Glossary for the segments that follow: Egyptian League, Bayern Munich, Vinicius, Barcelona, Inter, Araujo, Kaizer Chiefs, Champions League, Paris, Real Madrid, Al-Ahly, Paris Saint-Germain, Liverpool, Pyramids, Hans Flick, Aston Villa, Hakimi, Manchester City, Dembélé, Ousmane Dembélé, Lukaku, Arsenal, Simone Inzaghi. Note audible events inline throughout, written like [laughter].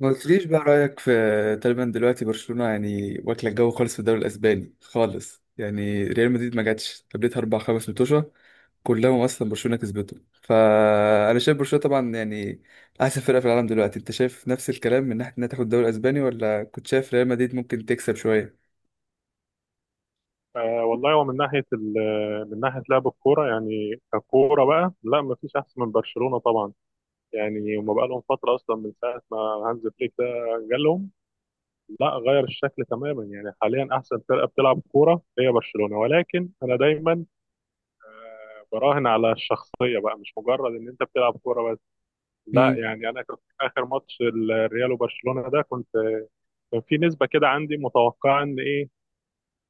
ما قلتليش بقى رأيك في تقريبا دلوقتي برشلونة، يعني واكلة الجو خالص في الدوري الأسباني خالص، يعني ريال مدريد ما جاتش، قابلتها أربع خمس متوشة كلهم أصلا برشلونة كسبته. فأنا شايف برشلونة طبعا، يعني أحسن فرقة في العالم دلوقتي. أنت شايف نفس الكلام من ناحية إنها تاخد الدوري الأسباني، ولا كنت شايف ريال مدريد ممكن تكسب شوية؟ آه والله هو من ناحيه لعب الكوره، يعني ككوره بقى، لا ما فيش احسن من برشلونه طبعا. يعني هما بقى لهم فتره اصلا من ساعه ما هانز فليك ده جالهم، لا غير الشكل تماما. يعني حاليا احسن فرقه بتلعب كوره هي برشلونه، ولكن انا دايما براهن على الشخصيه بقى، مش مجرد ان انت بتلعب كوره بس، لا. امم. يعني انا كنت في اخر ماتش الريال وبرشلونه ده، كنت كان في نسبه كده عندي متوقعه ان ايه،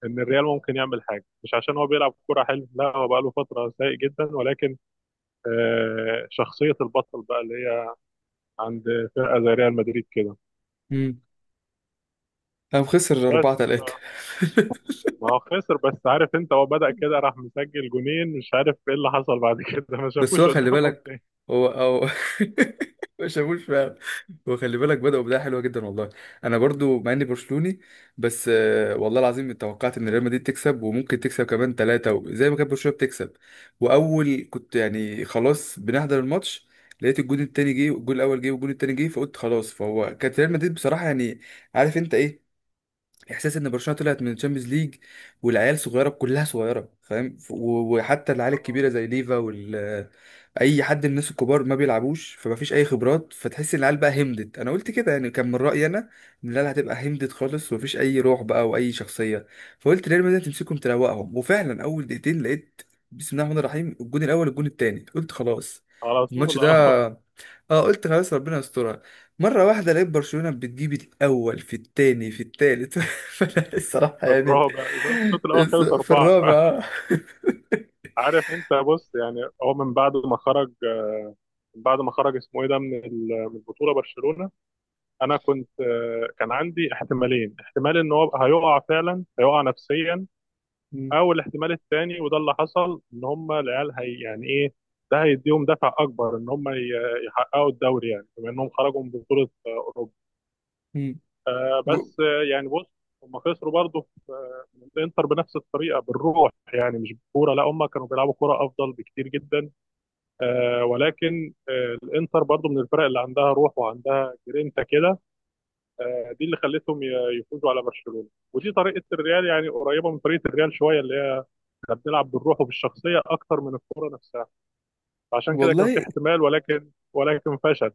ان الريال ممكن يعمل حاجه، مش عشان هو بيلعب كوره حلو، لا هو بقى له فتره سيء جدا، ولكن شخصيه البطل بقى اللي هي عند فرقه زي ريال مدريد كده. امم. قام خسر أربعة بس ف... تلاتة. ما هو خسر بس، عارف انت، هو بدأ كده راح مسجل جونين، مش عارف ايه اللي حصل بعد [laughs] كده، ما بس هو شافوش خلي قدامهم بالك، تاني. هو او [laughs] ما شافوش فعلا. هو خلي بالك، بدأوا بداية حلوة جدا والله. انا برضو مع اني برشلوني، بس آه، والله العظيم توقعت ان ريال مدريد تكسب، وممكن تكسب كمان ثلاثة زي ما كانت برشلونة بتكسب. واول كنت يعني خلاص بنحضر الماتش، لقيت الجون التاني جه، والجون الاول جه، والجون التاني جه، فقلت خلاص. فهو كانت ريال مدريد بصراحة يعني، عارف انت ايه احساس ان برشلونه طلعت من الشامبيونز ليج، والعيال صغيره، كلها صغيره، فاهم؟ وحتى العيال الكبيره زي ليفا وال، اي حد من الناس الكبار ما بيلعبوش، فمفيش اي خبرات، فتحس ان العيال بقى همدت. انا قلت كده يعني، كان من رايي انا ان العيال هتبقى همدت خالص، ومفيش اي روح بقى واي شخصيه. فقلت ريال مدريد تمسكهم تروقهم. وفعلا اول دقيقتين لقيت بسم الله الرحمن الرحيم، الجون الاول الجون التاني، قلت خلاص على الماتش طول، اه. ده. اه، قلت خلاص ربنا يسترها. مرة واحدة لقيت برشلونة بتجيب الأول في التاني في التالت [laughs] فأنا الصراحة في يعني الرابع، الشوط الاول خلص في اربعه. الرابع. آه. عارف انت، بص يعني، هو من بعد ما خرج، من بعد ما خرج، اسمه ايه ده، من البطوله برشلونه، انا كنت كان عندي احتمالين: احتمال ان هو هيقع، فعلا هيقع نفسيا، م- او الاحتمال التاني وده اللي حصل، ان هم العيال هي يعني ايه، ده هيديهم دفع اكبر ان يحققوا الدوري، يعني بما انهم خرجوا من بطوله اوروبا. م. آه، و- بس يعني بص، هم خسروا برضه في من الانتر بنفس الطريقه، بالروح يعني مش بالكوره، لا هم كانوا بيلعبوا كوره افضل بكتير جدا، آه. ولكن آه الانتر برضه من الفرق اللي عندها روح وعندها جرينتا كده، آه، دي اللي يفوزوا على برشلونه. ودي طريقه الريال، يعني قريبه من طريقه الريال شويه، اللي هي احنا بنلعب بالروح وبالشخصيه اكتر من الكوره نفسها، عشان كده كان في والله، احتمال، ولكن فشل.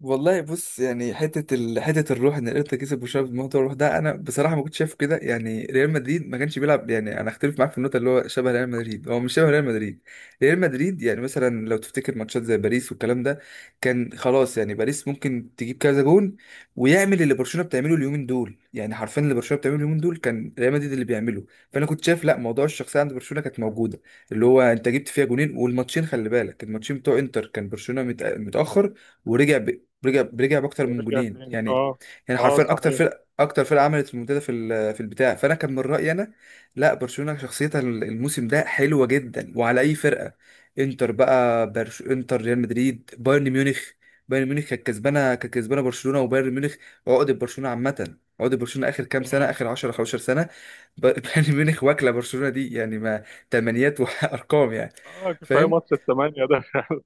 والله بص، يعني حته الروح ان الانتر كسب وشاف بموضوع الروح ده، انا بصراحه ما كنتش شايفه كده. يعني ريال مدريد ما كانش بيلعب، يعني انا اختلف معاك في النقطه، اللي هو شبه ريال مدريد، هو مش شبه ريال مدريد. ريال مدريد يعني مثلا لو تفتكر ماتشات زي باريس والكلام ده، كان خلاص يعني باريس ممكن تجيب كذا جون، ويعمل اللي برشلونه بتعمله اليومين دول. يعني حرفيا اللي برشلونه بتعمله اليومين دول كان ريال مدريد اللي بيعمله. فانا كنت شايف لا، موضوع الشخصيه عند برشلونه كانت موجوده، اللي هو انت جبت فيها جونين، والماتشين خلي بالك، الماتشين بتوع انتر، كان برشلونه متاخر ورجع، برجع باكتر من ورجع جونين تاني، يعني. اه. يعني اه حرفيا صحيح. اكتر فرقه عملت المنتدى في في البتاع. فانا كان من رايي انا، لا برشلونه شخصيتها الموسم ده حلوه جدا، وعلى اي فرقه. انتر بقى، انتر، ريال مدريد، بايرن ميونخ. بايرن ميونخ كانت كسبانه، كانت كسبانه برشلونه. وبايرن ميونخ عقده برشلونه عامه، عقده برشلونه اخر كام سنه، مم. اخر 10 15 سنه. [laughs] بايرن ميونخ واكله برشلونه دي، يعني ما، تمنيات وارقام [laughs] يعني. اه كفايه فاهم؟ ماتش الثمانيه ده [laughs]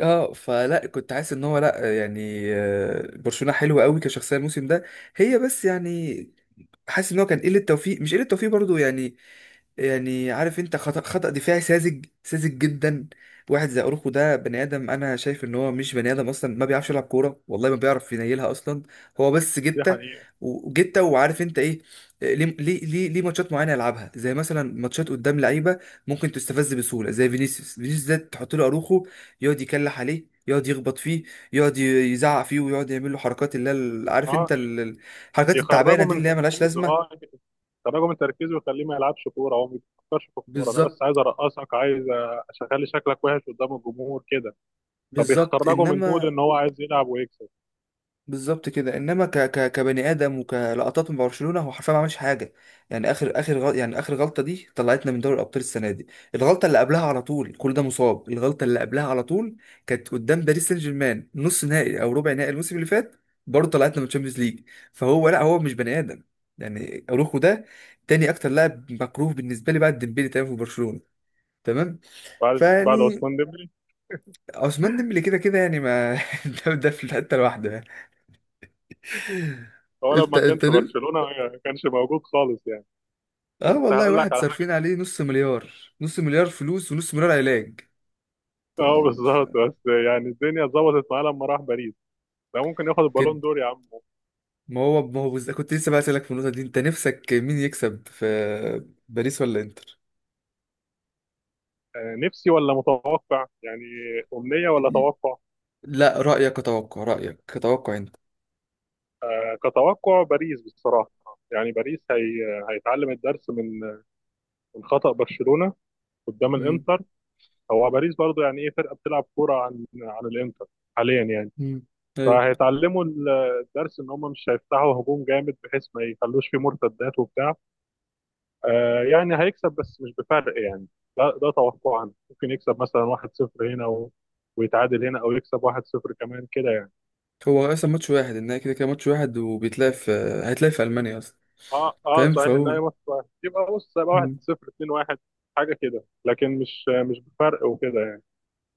اه، فلا كنت حاسس ان هو، لا يعني آه، برشلونة حلوة قوي كشخصية الموسم ده، هي بس يعني، حاسس ان هو كان قلة توفيق، مش قلة توفيق برضو يعني، يعني عارف انت، خطأ دفاعي ساذج جدا. واحد زي اروخو ده بني ادم، انا شايف ان هو مش بني ادم اصلا، ما بيعرفش يلعب كوره، والله ما بيعرف ينيلها اصلا. هو بس دي جته حقيقه. وجته. وعارف انت ايه، ليه ماتشات معينه يلعبها، زي مثلا ماتشات قدام لعيبه ممكن تستفز بسهوله زي فينيسيوس. فينيسيوس ده تحط له اروخو، يقعد يكلح عليه، يقعد يخبط فيه، يقعد يزعق فيه، ويقعد يعمل له حركات اللي هي عارف اه، انت ي- الحركات التعبانه يخرجوا دي، من اللي هي ملهاش تركيزه، اه. لازمه. يخرجوا من تركيزه ويخليه ما يلعبش كوره، هو ما بيفكرش في الكوره، انا بس بالظبط. عايز ارقصك، عايز اخلي شكلك وحش قدام الجمهور كده. بالظبط فبيخرجوا من مود انما، ان هو عايز يلعب ويكسب. بالظبط كده. انما ك ك كبني ادم وكلقطات من برشلونه، هو حرفيا ما عملش حاجه. يعني يعني اخر غلطه دي طلعتنا من دوري الابطال السنه دي. الغلطه اللي قبلها على طول كل ده مصاب، الغلطه اللي قبلها على طول كانت قدام باريس سان جيرمان، نص نهائي او ربع نهائي الموسم اللي فات، برضه طلعتنا من الشامبيونز ليج. فهو لا، هو مش بني ادم، يعني اروخو ده تاني اكتر لاعب مكروه بالنسبه لي بعد ديمبلي. تمام في برشلونه، تمام. بعد فيعني عثمان ديمبلي. عثمان ديمبلي كده كده يعني ما [laughs] ده في حته لوحده. هو انت لما كان انت في نمت. برشلونة ما كانش موجود خالص يعني. اه بس والله، هقول لك واحد على صارفين حاجة، عليه نص مليار، نص مليار فلوس ونص مليار علاج. انت اه يعني مش بالظبط، فاهم بس يعني الدنيا اتظبطت معاه لما راح باريس. ده ممكن ياخد كده. البالون دور يا عم. ما هو ما هو بز... كنت لسه بقى اسالك في النقطه دي، انت نفسك مين يكسب في باريس ولا انتر؟ نفسي ولا متوقع يعني؟ أمنية ولا توقع؟ لا رايك اتوقع، رايك اتوقع انت. كتوقع باريس بصراحة. يعني باريس هي هيتعلم الدرس من خطأ برشلونة قدام امم. الانتر. هو باريس برضو يعني ايه، فرقة بتلعب كورة عن الانتر حاليا يعني. امم. ايوه. فهيتعلموا ال- الدرس ان هم مش هيفتحوا هجوم جامد بحيث ما يخلوش فيه مرتدات وبتاع. آه يعني هيكسب بس مش بفرق يعني، ده توقعنا، ممكن يكسب مثلا 1-0 هنا و... ويتعادل هنا، او يكسب 1-0 كمان كده يعني. هو اصلا ماتش واحد النهائي، كده كده ماتش واحد، وبيتلعب في، هيتلعب في المانيا اصلا. اه اه فاهم؟ صحيح، لا فهو يا ماتش واحد، يبقى بص يبقى 1-0، 2-1، حاجه كده، لكن مش بفرق وكده يعني.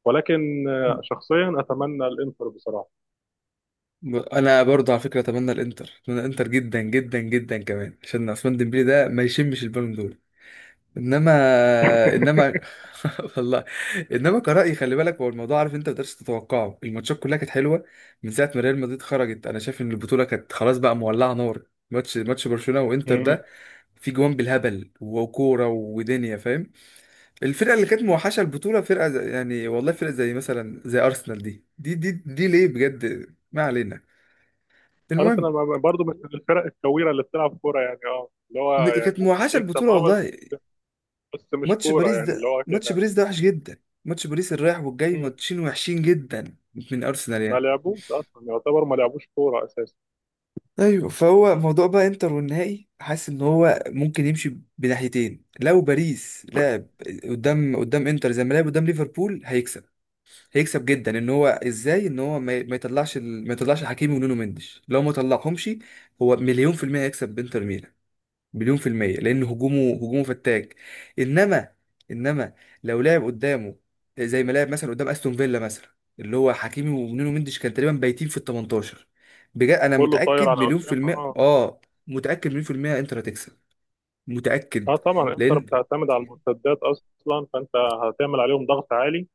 ولكن مم. شخصيا اتمنى الانتر بصراحه. انا برضه على فكره اتمنى الانتر، اتمنى الانتر جدا جدا جدا، كمان عشان عثمان ديمبلي ده ما يشمش البالون دول. انما، انما [laughs] [laughs] والله. انما كرأي خلي بالك، هو الموضوع عارف انت ما تقدرش تتوقعه، الماتشات كلها كانت حلوه. من ساعه ما ريال مدريد خرجت، انا شايف ان البطوله كانت خلاص بقى مولعه نار. ماتش برشلونه وانتر ده، في جوان بالهبل وكوره ودنيا، فاهم؟ الفرقه اللي كانت موحشه البطوله، يعني والله فرقه زي مثلا زي ارسنال دي. دي ليه بجد، ما علينا، المهم. ارسنال، برضه مش من الفرق الكويره اللي بتلعب كوره يعني، اه اللي هو يعني كانت ممكن موحشه يكسب، البطوله اه، بس والله. بس مش ماتش كوره باريس يعني ده اللي هو ماتش كده. باريس ده وحش جدا. ماتش باريس الرايح والجاي، مم. ماتشين وحشين جدا من ارسنال ما يعني. لعبوش اصلا، يعتبر ما لعبوش كوره اساسا. ايوه، فهو موضوع بقى انتر والنهائي، حاسس ان هو ممكن يمشي بناحيتين. لو باريس لعب قدام انتر زي ما لعب قدام ليفربول، هيكسب، هيكسب جدا. ان هو ازاي ان هو ما يطلعش ما يطلعش حكيمي ونونو مندش، لو ما طلعهمش، هو مليون في المية هيكسب بانتر ميلان. مليون في المية، لأن هجومه، هجومه فتاك. إنما، إنما لو لعب قدامه زي ما لعب مثلا قدام أستون فيلا مثلا، اللي هو حكيمي ونونو مندش كان تقريبا بايتين في ال 18، بجد أنا كله طاير متأكد على مليون في قدام، المية اه. آه. متأكد مليون في المية إنتر هتكسب، اه متأكد. طبعا انتر لأن، بتعتمد على المرتدات اصلا، فانت هتعمل عليهم ضغط عالي.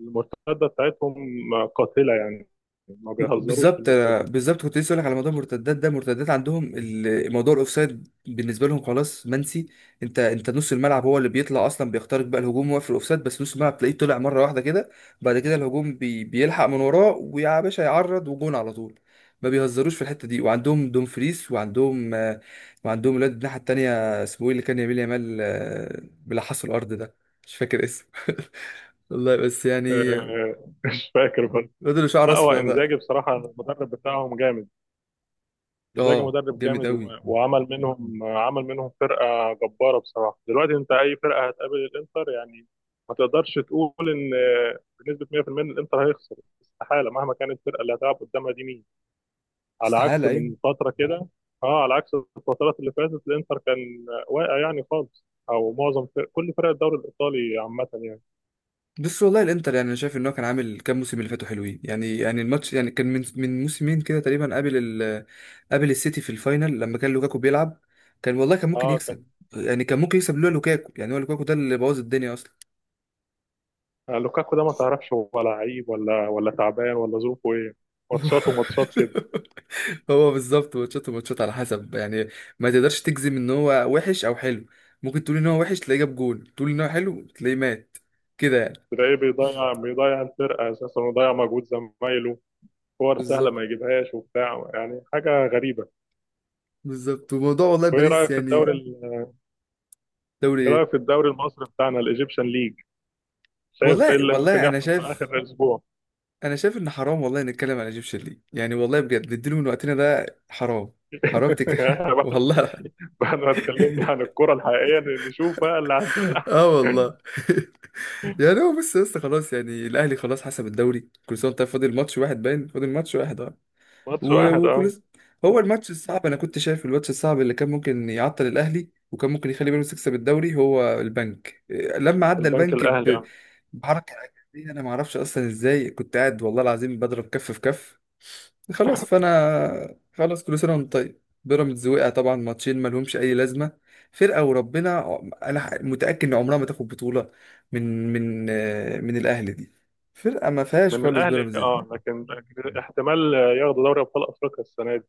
المرتده بتاعتهم قاتله يعني، ما بيهزروش في بالظبط. المرتده. بالظبط كنت لسه اقول لك على موضوع المرتدات ده، مرتدات عندهم موضوع الاوفسايد بالنسبه لهم خلاص منسي. انت انت نص الملعب هو اللي بيطلع اصلا، بيخترق بقى الهجوم واقف في الاوفسايد. بس نص الملعب تلاقيه طلع مره واحده كده، بعد كده الهجوم بيلحق من وراه ويا باشا، يعرض وجون على طول. ما بيهزروش في الحته دي. وعندهم دومفريس، وعندهم آه، وعندهم الواد الناحيه التانيه اسمه ايه، اللي كان يميل يامال آه، بيلحسوا الارض ده، مش فاكر اسمه [laughs] والله بس يعني [laughs] مش فاكر بس. الواد اللي شعره لا هو اصفر انزاجي ده. بصراحه، المدرب بتاعهم جامد، انزاجي اه مدرب جامد جامد قوي. وعمل منهم، عمل منهم فرقه جباره بصراحه. دلوقتي انت اي فرقه هتقابل الانتر يعني، ما تقدرش تقول ان بنسبه 100% ان الانتر هيخسر، استحاله، مهما كانت الفرقه اللي هتلعب قدامها دي مين. على عكس استحالة، أيوة. من فتره كده، اه، على عكس الفترات اللي فاتت الانتر كان واقع يعني خالص، او معظم فرق، كل فرق الدوري الايطالي عامه يعني. بس والله الإنتر، يعني أنا شايف إن هو كان عامل كام موسم اللي فاتوا حلوين يعني، يعني الماتش يعني كان من موسمين كده تقريبا، قابل ال، قابل السيتي في الفاينل لما كان لوكاكو بيلعب. كان والله كان ممكن اه كان يكسب، يعني كان ممكن يكسب لولا لوكاكو. يعني هو لوكاكو ده اللي بوظ الدنيا أصلا لوكاكو ده ما تعرفش هو لعيب ولا تعبان، ولا ظروفه ايه. ماتشات وماتشات، [laughs] هو بالظبط ماتشات وماتشات على حسب يعني، ما تقدرش تجزم إن هو وحش أو حلو. ممكن تقول إن هو وحش تلاقيه جاب جول، تقول إن هو حلو تلاقيه مات، كده يعني. تلاقيه بيضيع الفرقة أساسا، ويضيع مجهود زمايله، كور سهلة ما بالظبط. يجيبهاش وبتاع، يعني حاجة غريبة. بالظبط وموضوع، والله وإيه باريس رأيك في يعني. دوري إيه إيه؟ رأيك في الدوري المصري بتاعنا الإيجيبشن ليج؟ شايف إيه والله، اللي ممكن والله انا يحصل في شايف، آخر الأسبوع؟ انا شايف ان حرام والله نتكلم على ايجيبشن ليج، يعني والله بجد نديله من وقتنا ده حرام، حرام [laughs] يعني تتكلم إحنا [laughs] بعد، والله [laughs] ما اتكلمنا عن الكرة الحقيقية نشوف بقى اللي عندنا. اه والله [laughs] يعني هو بس يا اسطى، خلاص يعني الاهلي خلاص حسب الدوري، كل سنه وانت طيب، فاضل ماتش واحد، باين فاضل ماتش واحد اه. ماتش واحد، أه. وفلوس. هو الماتش الصعب، انا كنت شايف الماتش الصعب اللي كان ممكن يعطل الاهلي، وكان ممكن يخلي بيراميدز يكسب الدوري، هو البنك إيه، لما عدى البنك البنك الأهلي، أه. بحركه عجيبه، انا ما اعرفش اصلا ازاي، كنت قاعد والله العظيم بضرب كف في كف. خلاص فانا خلاص كل سنه وانت طيب، بيراميدز وقع طبعا. ماتشين ما لهمش اي لازمه، فرقه وربنا انا متاكد ان عمرها ما تاخد بطوله من آه، من الاهلي دي، فرقه ما فيهاش من خالص الأهلي بيراميدز. أه، لكن احتمال ياخدوا دوري أبطال أفريقيا السنة دي.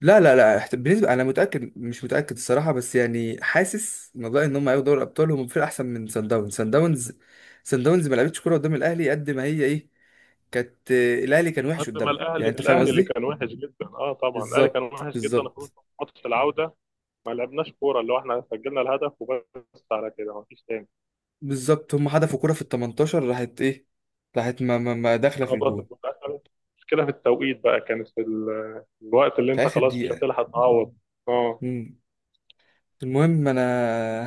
لا لا لا احت- بالنسبة أنا متأكد، مش متأكد الصراحة، بس يعني حاسس موضوع إن هم هياخدوا دوري الأبطال، هم فرقة أحسن من سان داونز. سان داونز ما لعبتش كورة قدام الأهلي، قد ما هي إيه، كانت آه، الأهلي كان وحش قد ما قدامها، الأهلي، يعني أنت فاهم اللي قصدي؟ كان وحش جدا أه، طبعا الأهلي كان بالظبط، وحش جدا بالظبط. خصوصا في ماتش العودة، ما لعبناش كورة، اللي هو احنا سجلنا الهدف وبس، على كده ما فيش تاني. بالظبط هم حدفوا كورة في ال 18، راحت إيه، راحت ما داخلة في خبطت الجون. في الآخر، مشكلة في التوقيت بقى، كانت في الوقت اللي في انت آخر خلاص مش دقيقة. هتلحق تعوض. اه مم. المهم أنا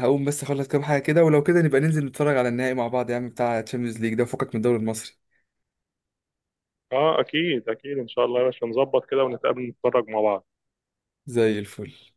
هقوم بس أخلص كام حاجة كده، ولو كده نبقى ننزل نتفرج على النهائي مع بعض يا عم، بتاع تشامبيونز ليج ده، وفكك من الدوري المصري. اه اكيد اكيد ان شاء الله يا باشا، نظبط كده ونتقابل نتفرج مع بعض. زي الفل.